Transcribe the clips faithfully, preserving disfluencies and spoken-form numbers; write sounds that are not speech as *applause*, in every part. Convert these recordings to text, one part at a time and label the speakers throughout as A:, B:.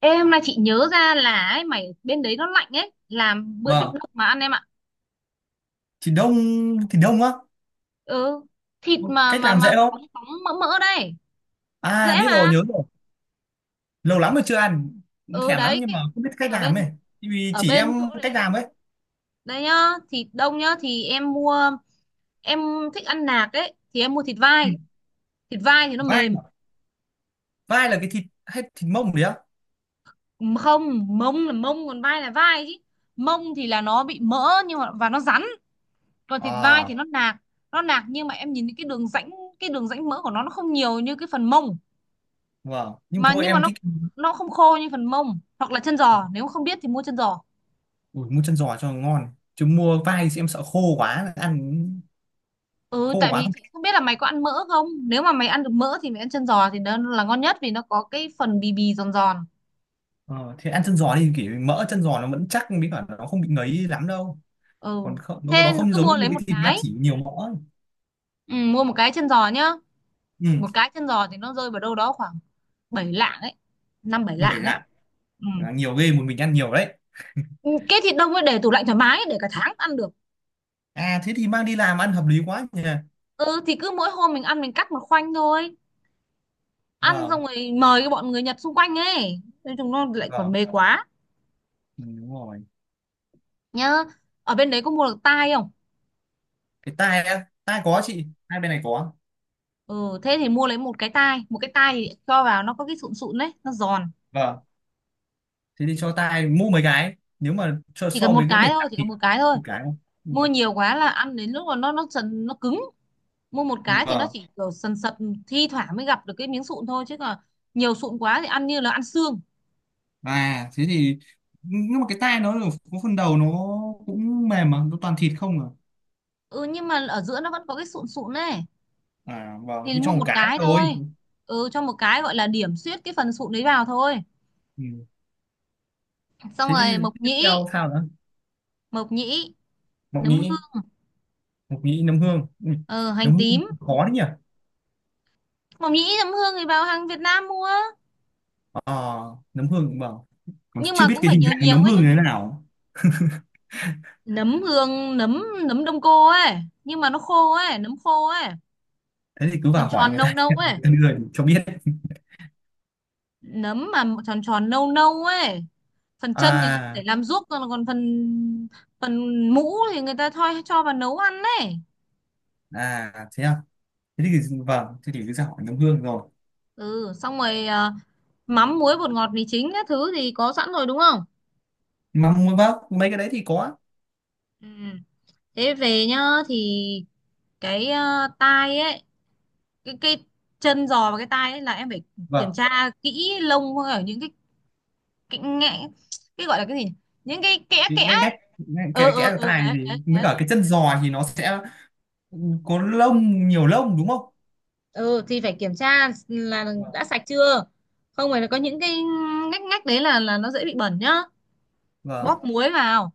A: Ê, hôm nay chị nhớ ra là ấy, mày bên đấy nó lạnh ấy, làm bữa thịt
B: Vâng,
A: luộc mà ăn em ạ.
B: thì đông thì đông á.
A: Ừ, thịt mà
B: Cách
A: mà
B: làm
A: mà
B: dễ không?
A: bóng bóng mỡ mỡ đây,
B: À
A: dễ
B: biết rồi,
A: mà.
B: nhớ rồi. Lâu lắm rồi chưa ăn, cũng
A: Ừ
B: thèm lắm
A: đấy,
B: nhưng
A: cái,
B: mà không biết cách
A: ở
B: làm ấy.
A: bên
B: Thì vì
A: ở
B: chỉ em
A: bên chỗ đấy
B: cách
A: lạnh.
B: làm ấy.
A: Đây nhá, thịt đông nhá thì em mua, em thích ăn nạc ấy thì em mua thịt
B: Ừ.
A: vai. Thịt vai thì nó
B: Vai
A: mềm,
B: à? Vai là cái thịt hay thịt mông đấy á?
A: không, mông là mông còn vai là vai chứ. Mông thì là nó bị mỡ nhưng mà và nó rắn, còn thịt vai
B: À,
A: thì nó nạc, nó nạc nhưng mà em nhìn cái đường rãnh cái đường rãnh mỡ của nó nó không nhiều như cái phần mông,
B: vâng. Nhưng mà
A: mà
B: thôi
A: nhưng mà
B: em
A: nó
B: thích.
A: nó không khô như phần mông hoặc là chân giò. Nếu không biết thì mua chân giò.
B: Ui, mua chân giò cho ngon. Chứ mua vai thì em sợ khô quá, ăn
A: Ừ,
B: khô
A: tại
B: quá
A: vì
B: không.
A: chị không biết là mày có ăn mỡ không. Nếu mà mày ăn được mỡ thì mày ăn chân giò thì nó là ngon nhất vì nó có cái phần bì bì giòn giòn.
B: Ờ, thì ăn chân giò đi kiểu mỡ chân giò nó vẫn chắc với cả nó không bị ngấy lắm đâu.
A: Ừ,
B: Còn không, nó,
A: thế
B: nó không
A: cứ
B: giống
A: mua
B: như
A: lấy
B: cái
A: một
B: thịt ba
A: cái.
B: chỉ nhiều mỡ ấy.
A: Ừ, mua một cái chân giò nhá.
B: Ừ,
A: Một cái chân giò thì nó rơi vào đâu đó khoảng bảy lạng ấy, năm bảy
B: bởi
A: lạng ấy.
B: là.
A: Ừ.
B: Bởi nhiều ghê một mình ăn nhiều đấy.
A: Ừ, cái thịt đông ấy để tủ lạnh thoải mái, để cả tháng ăn được.
B: À thế thì mang đi làm ăn hợp lý quá nhỉ.
A: Ừ thì cứ mỗi hôm mình ăn mình cắt một khoanh thôi. Ăn xong
B: Vâng,
A: rồi mời cái bọn người Nhật xung quanh ấy, nói chúng nó lại còn
B: vâng,
A: mê quá.
B: ừ, đúng rồi.
A: Nhá, ở bên đấy có mua được tai không?
B: Cái tai á, tai có
A: Ừ.
B: chị, hai bên này có.
A: Ừ thế thì mua lấy một cái tai, một cái tai thì cho vào nó có cái sụn sụn đấy nó giòn.
B: Vâng, thế thì cho tai mua mấy cái nếu mà cho
A: Chỉ cần
B: so
A: một
B: với cái bể
A: cái thôi
B: tạm
A: chỉ
B: thì
A: cần một cái thôi.
B: một cái không? Ừ.
A: Mua nhiều quá là ăn đến lúc mà nó nó sần nó cứng. Mua một cái thì nó
B: Vâng.
A: chỉ kiểu sần sật, thi thoảng mới gặp được cái miếng sụn thôi, chứ còn nhiều sụn quá thì ăn như là ăn xương.
B: À thế thì nhưng mà cái tai nó là có phần đầu nó cũng mềm mà, nó toàn thịt không à.
A: Ừ, nhưng mà ở giữa nó vẫn có cái sụn sụn này.
B: À vâng,
A: Thì
B: thì
A: mua
B: cho một
A: một
B: cái
A: cái
B: thôi.
A: thôi. Ừ, cho một cái gọi là điểm xuyết cái phần sụn đấy vào thôi.
B: Ừ.
A: Xong
B: Thế thì
A: rồi mộc
B: tiếp
A: nhĩ.
B: theo sao nữa?
A: Mộc nhĩ,
B: Mộc
A: nấm
B: nhĩ,
A: hương.
B: mộc nhĩ nấm hương. Ừ.
A: ờ,
B: Nấm
A: Hành
B: hương
A: tím.
B: khó đấy nhỉ?
A: Mộc nhĩ nấm hương thì vào hàng Việt Nam mua.
B: Ờ, nấm hương vâng còn
A: Nhưng
B: chưa
A: mà
B: biết
A: cũng
B: cái
A: phải
B: hình
A: nhiều
B: dạng
A: nhiều
B: nấm
A: ấy
B: hương
A: nhá.
B: như thế nào.
A: Nấm hương, nấm nấm đông cô ấy, nhưng mà nó khô ấy, nấm khô ấy.
B: Thế thì cứ
A: Tròn
B: vào hỏi
A: tròn
B: người
A: nâu
B: ta *laughs*
A: nâu
B: người
A: ấy,
B: ta đưa thì cho biết.
A: nấm mà tròn tròn nâu nâu ấy. Phần chân thì người ta
B: À,
A: để làm ruốc, còn còn phần phần mũ thì người ta thôi cho vào nấu ăn ấy.
B: à thế à, thế thì vâng, thế thì cứ ra hỏi nấm hương rồi.
A: Ừ xong rồi. À, mắm muối bột ngọt mì chính các thứ thì có sẵn rồi đúng không?
B: mà m- vâng mấy cái đấy thì có.
A: Ừ. Thế về nhá thì cái, ờ, tai ấy, cái cái chân giò và cái tai ấy là em phải kiểm
B: Vâng
A: tra kỹ lông ở những cái cái ngẽ, cái gọi là cái gì nhỉ? Những cái kẽ
B: thì
A: kẽ
B: ngay
A: ấy.
B: ngách, ngay-
A: Ờ
B: kẽ kẽ
A: ờ
B: ở
A: ờ
B: tai
A: đấy
B: thì
A: đấy
B: mới
A: đấy.
B: cả cái chân giò thì nó sẽ có lông, nhiều lông đúng không?
A: ờ thì phải kiểm tra là
B: Vâng.
A: đã sạch chưa. Không phải là có những cái ngách ngách đấy là là nó dễ bị bẩn nhá.
B: Vâng,
A: Bóp muối vào,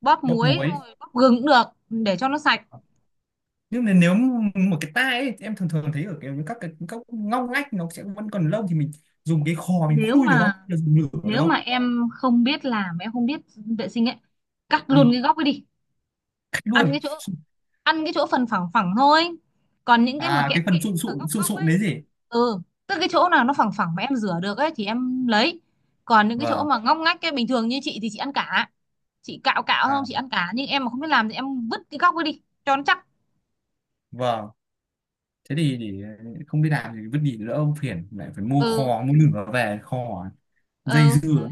A: bóp
B: bốc
A: muối
B: muối.
A: rồi bóp gừng cũng được, để cho nó sạch.
B: Nhưng mà nếu một cái tai ấy, em thường thường thấy ở cái các cái các ngóc ngách nó sẽ vẫn còn lông thì mình dùng cái khò mình
A: nếu
B: khui được không?
A: mà
B: Dùng lửa được
A: Nếu mà
B: không?
A: em không biết làm, em không biết vệ sinh ấy, cắt
B: Ừ,
A: luôn cái góc ấy đi.
B: cách
A: ăn
B: luôn.
A: cái chỗ Ăn cái chỗ phần phẳng phẳng thôi, còn những cái mà
B: À
A: kẽ
B: cái
A: kẽ
B: phần sụn
A: ở
B: sụn
A: góc
B: sụn
A: góc
B: sụn
A: ấy.
B: đấy gì.
A: Ừ, tức cái chỗ nào nó phẳng phẳng mà em rửa được ấy thì em lấy, còn những cái chỗ
B: Vâng.
A: mà ngóc ngách cái bình thường như chị thì chị ăn cả. Chị cạo cạo không
B: À
A: chị ăn cả, nhưng em mà không biết làm thì em vứt cái góc ấy đi cho nó chắc.
B: vâng, thế thì để. Không biết làm thì vứt đi đỡ ông phiền lại phải mua
A: Ừ.
B: kho mua nửa về kho dây
A: Ừ
B: dưa ấy.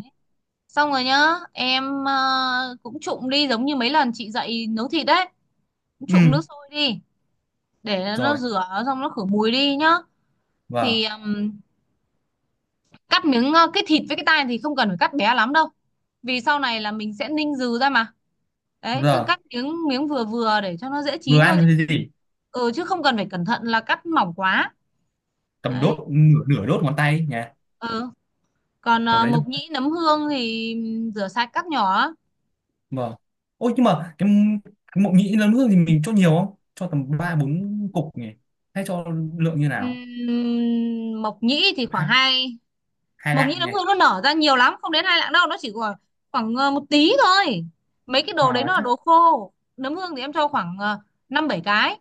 A: xong rồi nhá. Em ờ, cũng trụng đi giống như mấy lần chị dạy nấu thịt đấy, cũng trụng nước
B: Ừ
A: sôi đi, để nó
B: rồi.
A: rửa xong nó khử mùi đi nhá. Thì
B: Vâng
A: ừm, cắt miếng, ờ, cái thịt với cái tai thì không cần phải cắt bé lắm đâu vì sau này là mình sẽ ninh dừ ra mà. Đấy cứ
B: giờ
A: cắt miếng miếng vừa vừa để cho nó dễ
B: vừa
A: chín thôi, chứ
B: ăn thì gì.
A: ừ chứ không cần phải cẩn thận là cắt mỏng quá.
B: Cầm
A: Đấy.
B: đốt nửa nửa đốt ngón tay ấy nhá.
A: Ừ. Còn
B: Tầm
A: ờ,
B: đấy thôi.
A: mộc nhĩ nấm hương thì rửa sạch cắt nhỏ.
B: Vâng ôi nhưng mà cái, cái mộc nhĩ lớn nước thì mình cho nhiều không, cho tầm ba bốn cục nhỉ, hay cho lượng như nào?
A: Ừm, mộc nhĩ thì khoảng
B: Hai,
A: hai.
B: hai
A: Mộc nhĩ
B: lạng
A: nấm
B: nhỉ.
A: hương nó nở ra nhiều lắm, không đến hai lạng đâu, nó chỉ khoảng khoảng ờ, một tí thôi. Mấy cái đồ đấy
B: À.
A: nó là đồ khô, nấm hương thì em cho khoảng ờ, năm bảy cái.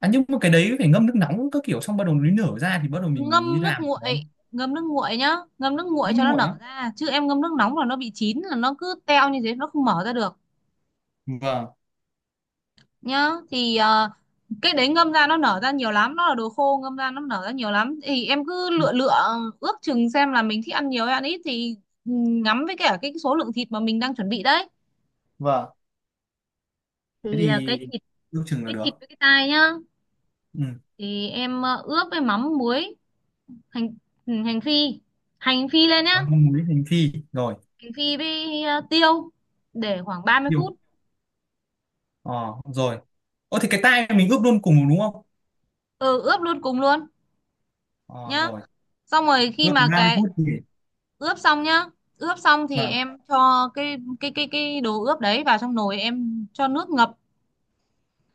B: À, nhưng mà cái đấy phải ngâm nước nóng các kiểu xong bắt đầu nó nở ra thì bắt đầu mình mới
A: Ngâm nước
B: làm nó.
A: nguội, ngâm nước nguội nhá, ngâm nước nguội
B: Nó
A: cho nó
B: nguội
A: nở
B: á?
A: ra. Chứ em ngâm nước nóng là nó bị chín, là nó cứ teo như thế, nó không mở ra được.
B: Vâng.
A: Nhá thì ờ, cái đấy ngâm ra nó nở ra nhiều lắm, nó là đồ khô, ngâm ra nó nở ra nhiều lắm, thì em cứ lựa lựa, ước chừng xem là mình thích ăn nhiều hay ăn ít thì ừ, ngắm với cả cái số lượng thịt mà mình đang chuẩn bị đấy.
B: Vâng thế
A: Thì ờ, cái
B: thì
A: thịt
B: ước chừng là
A: cái thịt
B: được.
A: với cái tai nhá.
B: Ừ.
A: Thì em ờ, ướp với mắm muối, hành, ừ, hành phi, hành phi lên nhá,
B: Còn mong muối hành phi rồi.
A: hành phi với ờ, tiêu, để khoảng ba mươi
B: Tiêu.
A: phút
B: Ờ rồi. Ô thì cái tai mình ướp luôn cùng đúng không?
A: Ừ ướp luôn cùng luôn.
B: Ờ
A: Nhá
B: rồi.
A: xong rồi khi
B: Ướp
A: mà
B: khoảng ba mươi
A: cái,
B: phút thì.
A: ướp xong nhá, ướp xong thì
B: Vâng.
A: em cho cái cái cái cái đồ ướp đấy vào trong nồi, em cho nước ngập,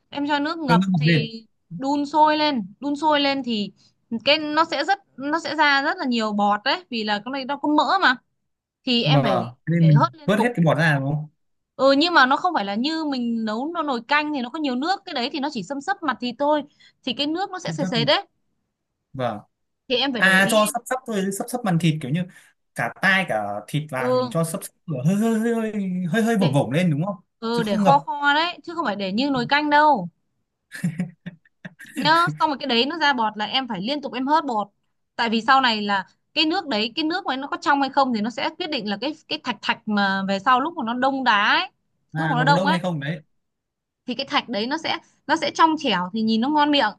A: em cho nước
B: Cho
A: ngập
B: nước bọt lên.
A: thì đun sôi lên. Đun sôi lên thì cái nó sẽ rất nó sẽ ra rất là nhiều bọt đấy, vì là cái này nó có mỡ mà, thì em phải,
B: Vâng thế nên
A: phải
B: mình
A: hớt liên
B: vớt hết
A: tục.
B: cái bọt ra đúng không?
A: Ừ nhưng mà nó không phải là như mình nấu nó nồi canh thì nó có nhiều nước. Cái đấy thì nó chỉ xâm xấp mặt thì thôi, thì cái nước nó sẽ
B: Sắp
A: sệt
B: sắp.
A: sệt đấy,
B: Vâng.
A: thì em phải để
B: À
A: ý
B: cho
A: em.
B: sắp sắp thôi, sắp sắp màn thịt kiểu như cả tai cả thịt vào thì mình
A: Ừ
B: cho sắp sắp lửa hơi hơi hơi hơi hơi vổng
A: để,
B: vổng lên đúng không?
A: ừ
B: Chứ
A: để
B: không
A: kho
B: ngập.
A: kho đấy, chứ không phải để như nồi canh đâu. Nhá xong rồi cái đấy nó ra bọt là em phải liên tục em hớt bột, tại vì sau này là cái nước đấy, cái nước mà nó có trong hay không thì nó sẽ quyết định là cái cái thạch thạch mà về sau lúc mà nó đông đá ấy, lúc
B: À,
A: mà nó
B: nó có
A: đông
B: đông
A: ấy,
B: hay không đấy.
A: thì cái thạch đấy nó sẽ nó sẽ trong trẻo thì nhìn nó ngon miệng.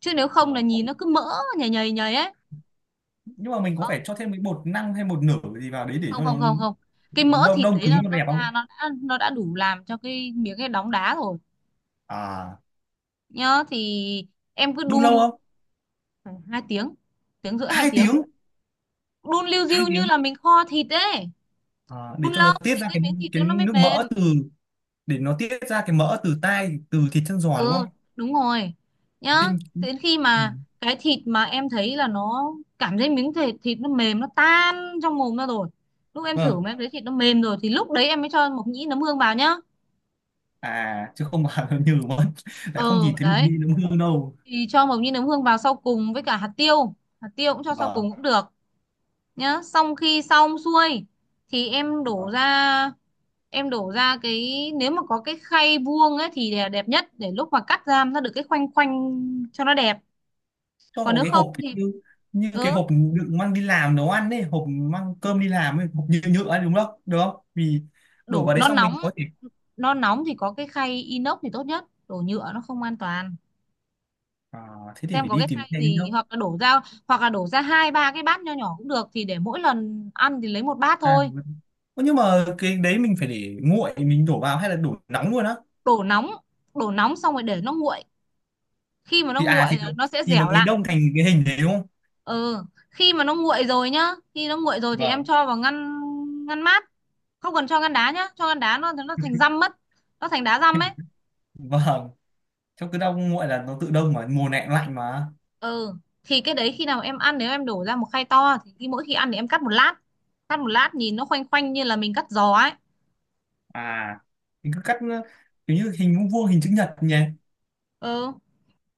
A: Chứ nếu không là
B: Vâng.
A: nhìn
B: Ố,
A: nó cứ mỡ nhầy nhầy nhầy ấy.
B: nhưng mà mình có
A: Không,
B: phải cho thêm cái bột năng hay bột nở gì vào đấy để
A: không,
B: cho
A: không,
B: nó
A: không, không, cái mỡ
B: nó đông
A: thịt
B: đông
A: đấy
B: cứng
A: nó
B: cho
A: nó
B: đẹp
A: ra,
B: không?
A: nó đã nó đã đủ làm cho cái miếng cái đóng đá rồi.
B: À
A: Nhá thì em cứ
B: đun lâu
A: đun
B: không?
A: khoảng hai tiếng, tiếng rưỡi hai
B: Hai
A: tiếng
B: tiếng.
A: đun liu
B: Hai
A: riu như
B: tiếng.
A: là mình kho thịt ấy.
B: À, để
A: Đun
B: cho nó
A: lâu
B: tiết
A: thì
B: ra
A: cái
B: cái
A: miếng thịt
B: cái
A: nó nó mới
B: nước
A: mềm.
B: mỡ từ, để nó tiết ra cái mỡ từ tai từ thịt chân giò đúng
A: Ừ,
B: không?
A: đúng rồi. Nhá,
B: Ninh.
A: đến khi
B: Ừ.
A: mà cái thịt mà em thấy là nó, cảm thấy miếng thịt thịt nó mềm, nó tan trong mồm ra rồi, lúc em thử
B: Vâng.
A: mà em thấy thịt nó mềm rồi thì lúc đấy em mới cho mộc nhĩ nấm hương vào nhá.
B: À chứ không mà *laughs* nó nhừ mất, lại
A: Ờ
B: không nhìn thấy mùi
A: đấy.
B: vị nó hương đâu.
A: Thì cho mộc nhĩ nấm hương vào sau cùng với cả hạt tiêu, hạt tiêu cũng cho sau
B: Vâng.
A: cùng cũng được. Nhá xong khi xong xuôi thì em đổ
B: Vâng.
A: ra. Em đổ ra cái, nếu mà có cái khay vuông ấy thì là đẹp nhất, để lúc mà cắt ra nó được cái khoanh khoanh cho nó đẹp.
B: Cho
A: Còn
B: vào
A: nếu
B: cái
A: không
B: hộp
A: thì
B: như, như cái
A: ừ,
B: hộp đựng mang đi làm nấu ăn ấy, hộp mang cơm đi làm ấy, hộp nhựa nhựa ấy, đúng không được không vì đổ
A: đổ
B: vào đấy
A: nó
B: xong
A: nóng,
B: mình có thể.
A: nó nóng thì có cái khay inox thì tốt nhất, đổ nhựa nó không an toàn.
B: À, thế thì
A: Xem
B: phải
A: có
B: đi
A: cái
B: tìm
A: khay
B: cái
A: gì,
B: nữa.
A: hoặc là đổ ra hoặc là đổ ra hai ba cái bát nho nhỏ cũng được, thì để mỗi lần ăn thì lấy một bát
B: À,
A: thôi.
B: mình- Ơ, nhưng mà cái đấy mình phải để nguội mình đổ vào hay là đổ nóng luôn á?
A: Đổ nóng, đổ nóng xong rồi để nó nguội, khi mà nó
B: thì à
A: nguội
B: thì nó-
A: là nó sẽ
B: thì nó
A: dẻo
B: mới
A: lại.
B: đông thành cái hình đấy đúng không?
A: Ừ khi mà nó nguội rồi nhá, khi nó nguội rồi thì em
B: Vâng.
A: cho vào ngăn, ngăn mát. Không cần cho ngăn đá nhá, cho ngăn đá nó nó thành dăm mất, nó thành đá dăm ấy.
B: *laughs* Vâng trong cứ đông nguội là nó tự đông mà mùa này cũng lạnh mà.
A: Ừ thì cái đấy khi nào em ăn, nếu em đổ ra một khay to thì khi mỗi khi ăn thì em cắt một lát, cắt một lát nhìn nó khoanh khoanh như là mình cắt giò ấy.
B: À mình cứ cắt, ờ, kiểu như hình vuông vuông hình chữ nhật nhỉ.
A: Ừ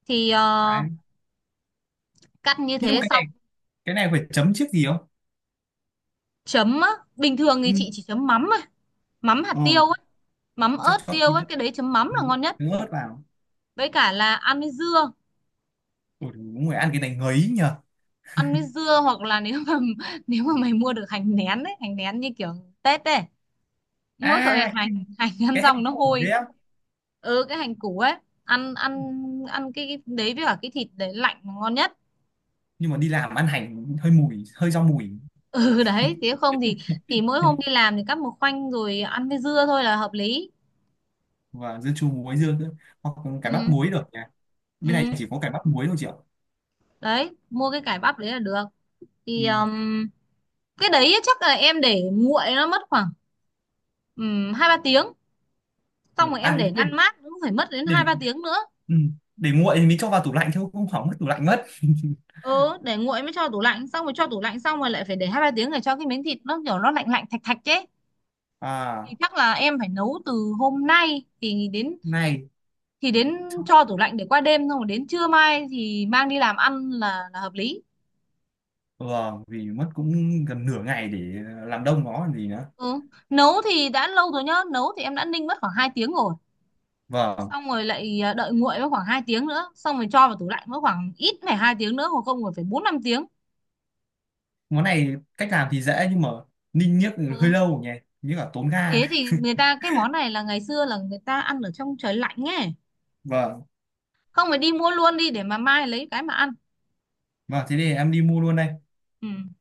A: thì ờ,
B: Đấy.
A: cắt như
B: Nhưng mà
A: thế
B: cái này,
A: xong.
B: cái này phải chấm trước gì không?
A: Chấm á? Bình thường thì
B: Ừ.
A: chị chỉ chấm mắm thôi, mắm hạt
B: Ờ,
A: tiêu ấy, mắm
B: chắc
A: ớt
B: chót
A: tiêu
B: tí
A: ấy,
B: tự
A: cái đấy chấm mắm là
B: dứa,
A: ngon nhất.
B: dứa ớt vào.
A: Với cả là ăn với dưa,
B: Ủa, người ăn cái này ngấy nhờ.
A: ăn với dưa, hoặc là nếu mà *laughs* nếu mà mày mua được hành nén ấy, hành nén như kiểu Tết ấy. Mỗi tội
B: À
A: hành, hành ăn
B: cái hành
A: xong nó
B: củ
A: hôi.
B: đấy á.
A: Ừ cái hành củ ấy. Ăn ăn Ăn cái, cái đấy với cả cái thịt đấy lạnh là ngon nhất. *laughs*
B: Nhưng mà đi làm ăn hành hơi mùi hơi rau mùi.
A: Ừ đấy nếu không thì thì mỗi hôm đi làm thì cắt một khoanh rồi ăn với dưa thôi là hợp lý.
B: Và dưa chua muối dưa nữa. Hoặc cải bắp
A: Ừ.
B: muối được nhỉ. Bên này
A: Ừ
B: chỉ có cải bắp muối thôi chị ạ.
A: đấy, mua cái cải bắp đấy là được.
B: Ừ.
A: Thì um, cái đấy chắc là em để nguội nó mất khoảng um, hai ba tiếng, xong
B: Được.
A: rồi em
B: À
A: để
B: quên,
A: ngăn mát cũng phải mất đến
B: để.
A: hai ba tiếng nữa.
B: Ừ. Để nguội thì mình cho vào tủ lạnh thôi không hỏng mất tủ lạnh mất *laughs*
A: Ừ để nguội mới cho tủ lạnh, xong rồi cho tủ lạnh xong rồi lại phải để hai ba tiếng để cho cái miếng thịt nó kiểu nó lạnh lạnh thạch thạch chứ. Thì
B: à
A: chắc là em phải nấu từ hôm nay thì đến,
B: này.
A: thì đến, cho tủ lạnh để qua đêm xong rồi đến trưa mai thì mang đi làm ăn là là hợp lý.
B: Vâng vì mất cũng gần nửa ngày để làm đông nó còn gì nữa.
A: Ừ. Nấu thì đã lâu rồi nhá, nấu thì em đã ninh mất khoảng hai tiếng rồi,
B: Vâng
A: xong rồi lại à, đợi nguội mất khoảng hai tiếng nữa, xong rồi cho vào tủ lạnh mất khoảng ít phải hai tiếng nữa, hoặc không rồi phải bốn năm tiếng.
B: món này cách làm thì dễ nhưng mà ninh niếc hơi
A: Ừ.
B: lâu nhỉ, như là tốn ga.
A: Thế thì người ta cái món này là ngày xưa là người ta ăn ở trong trời lạnh nghe,
B: Vâng,
A: không phải đi mua luôn đi để mà mai lấy cái mà ăn.
B: vâng thế thì em đi mua luôn đây.
A: Ừ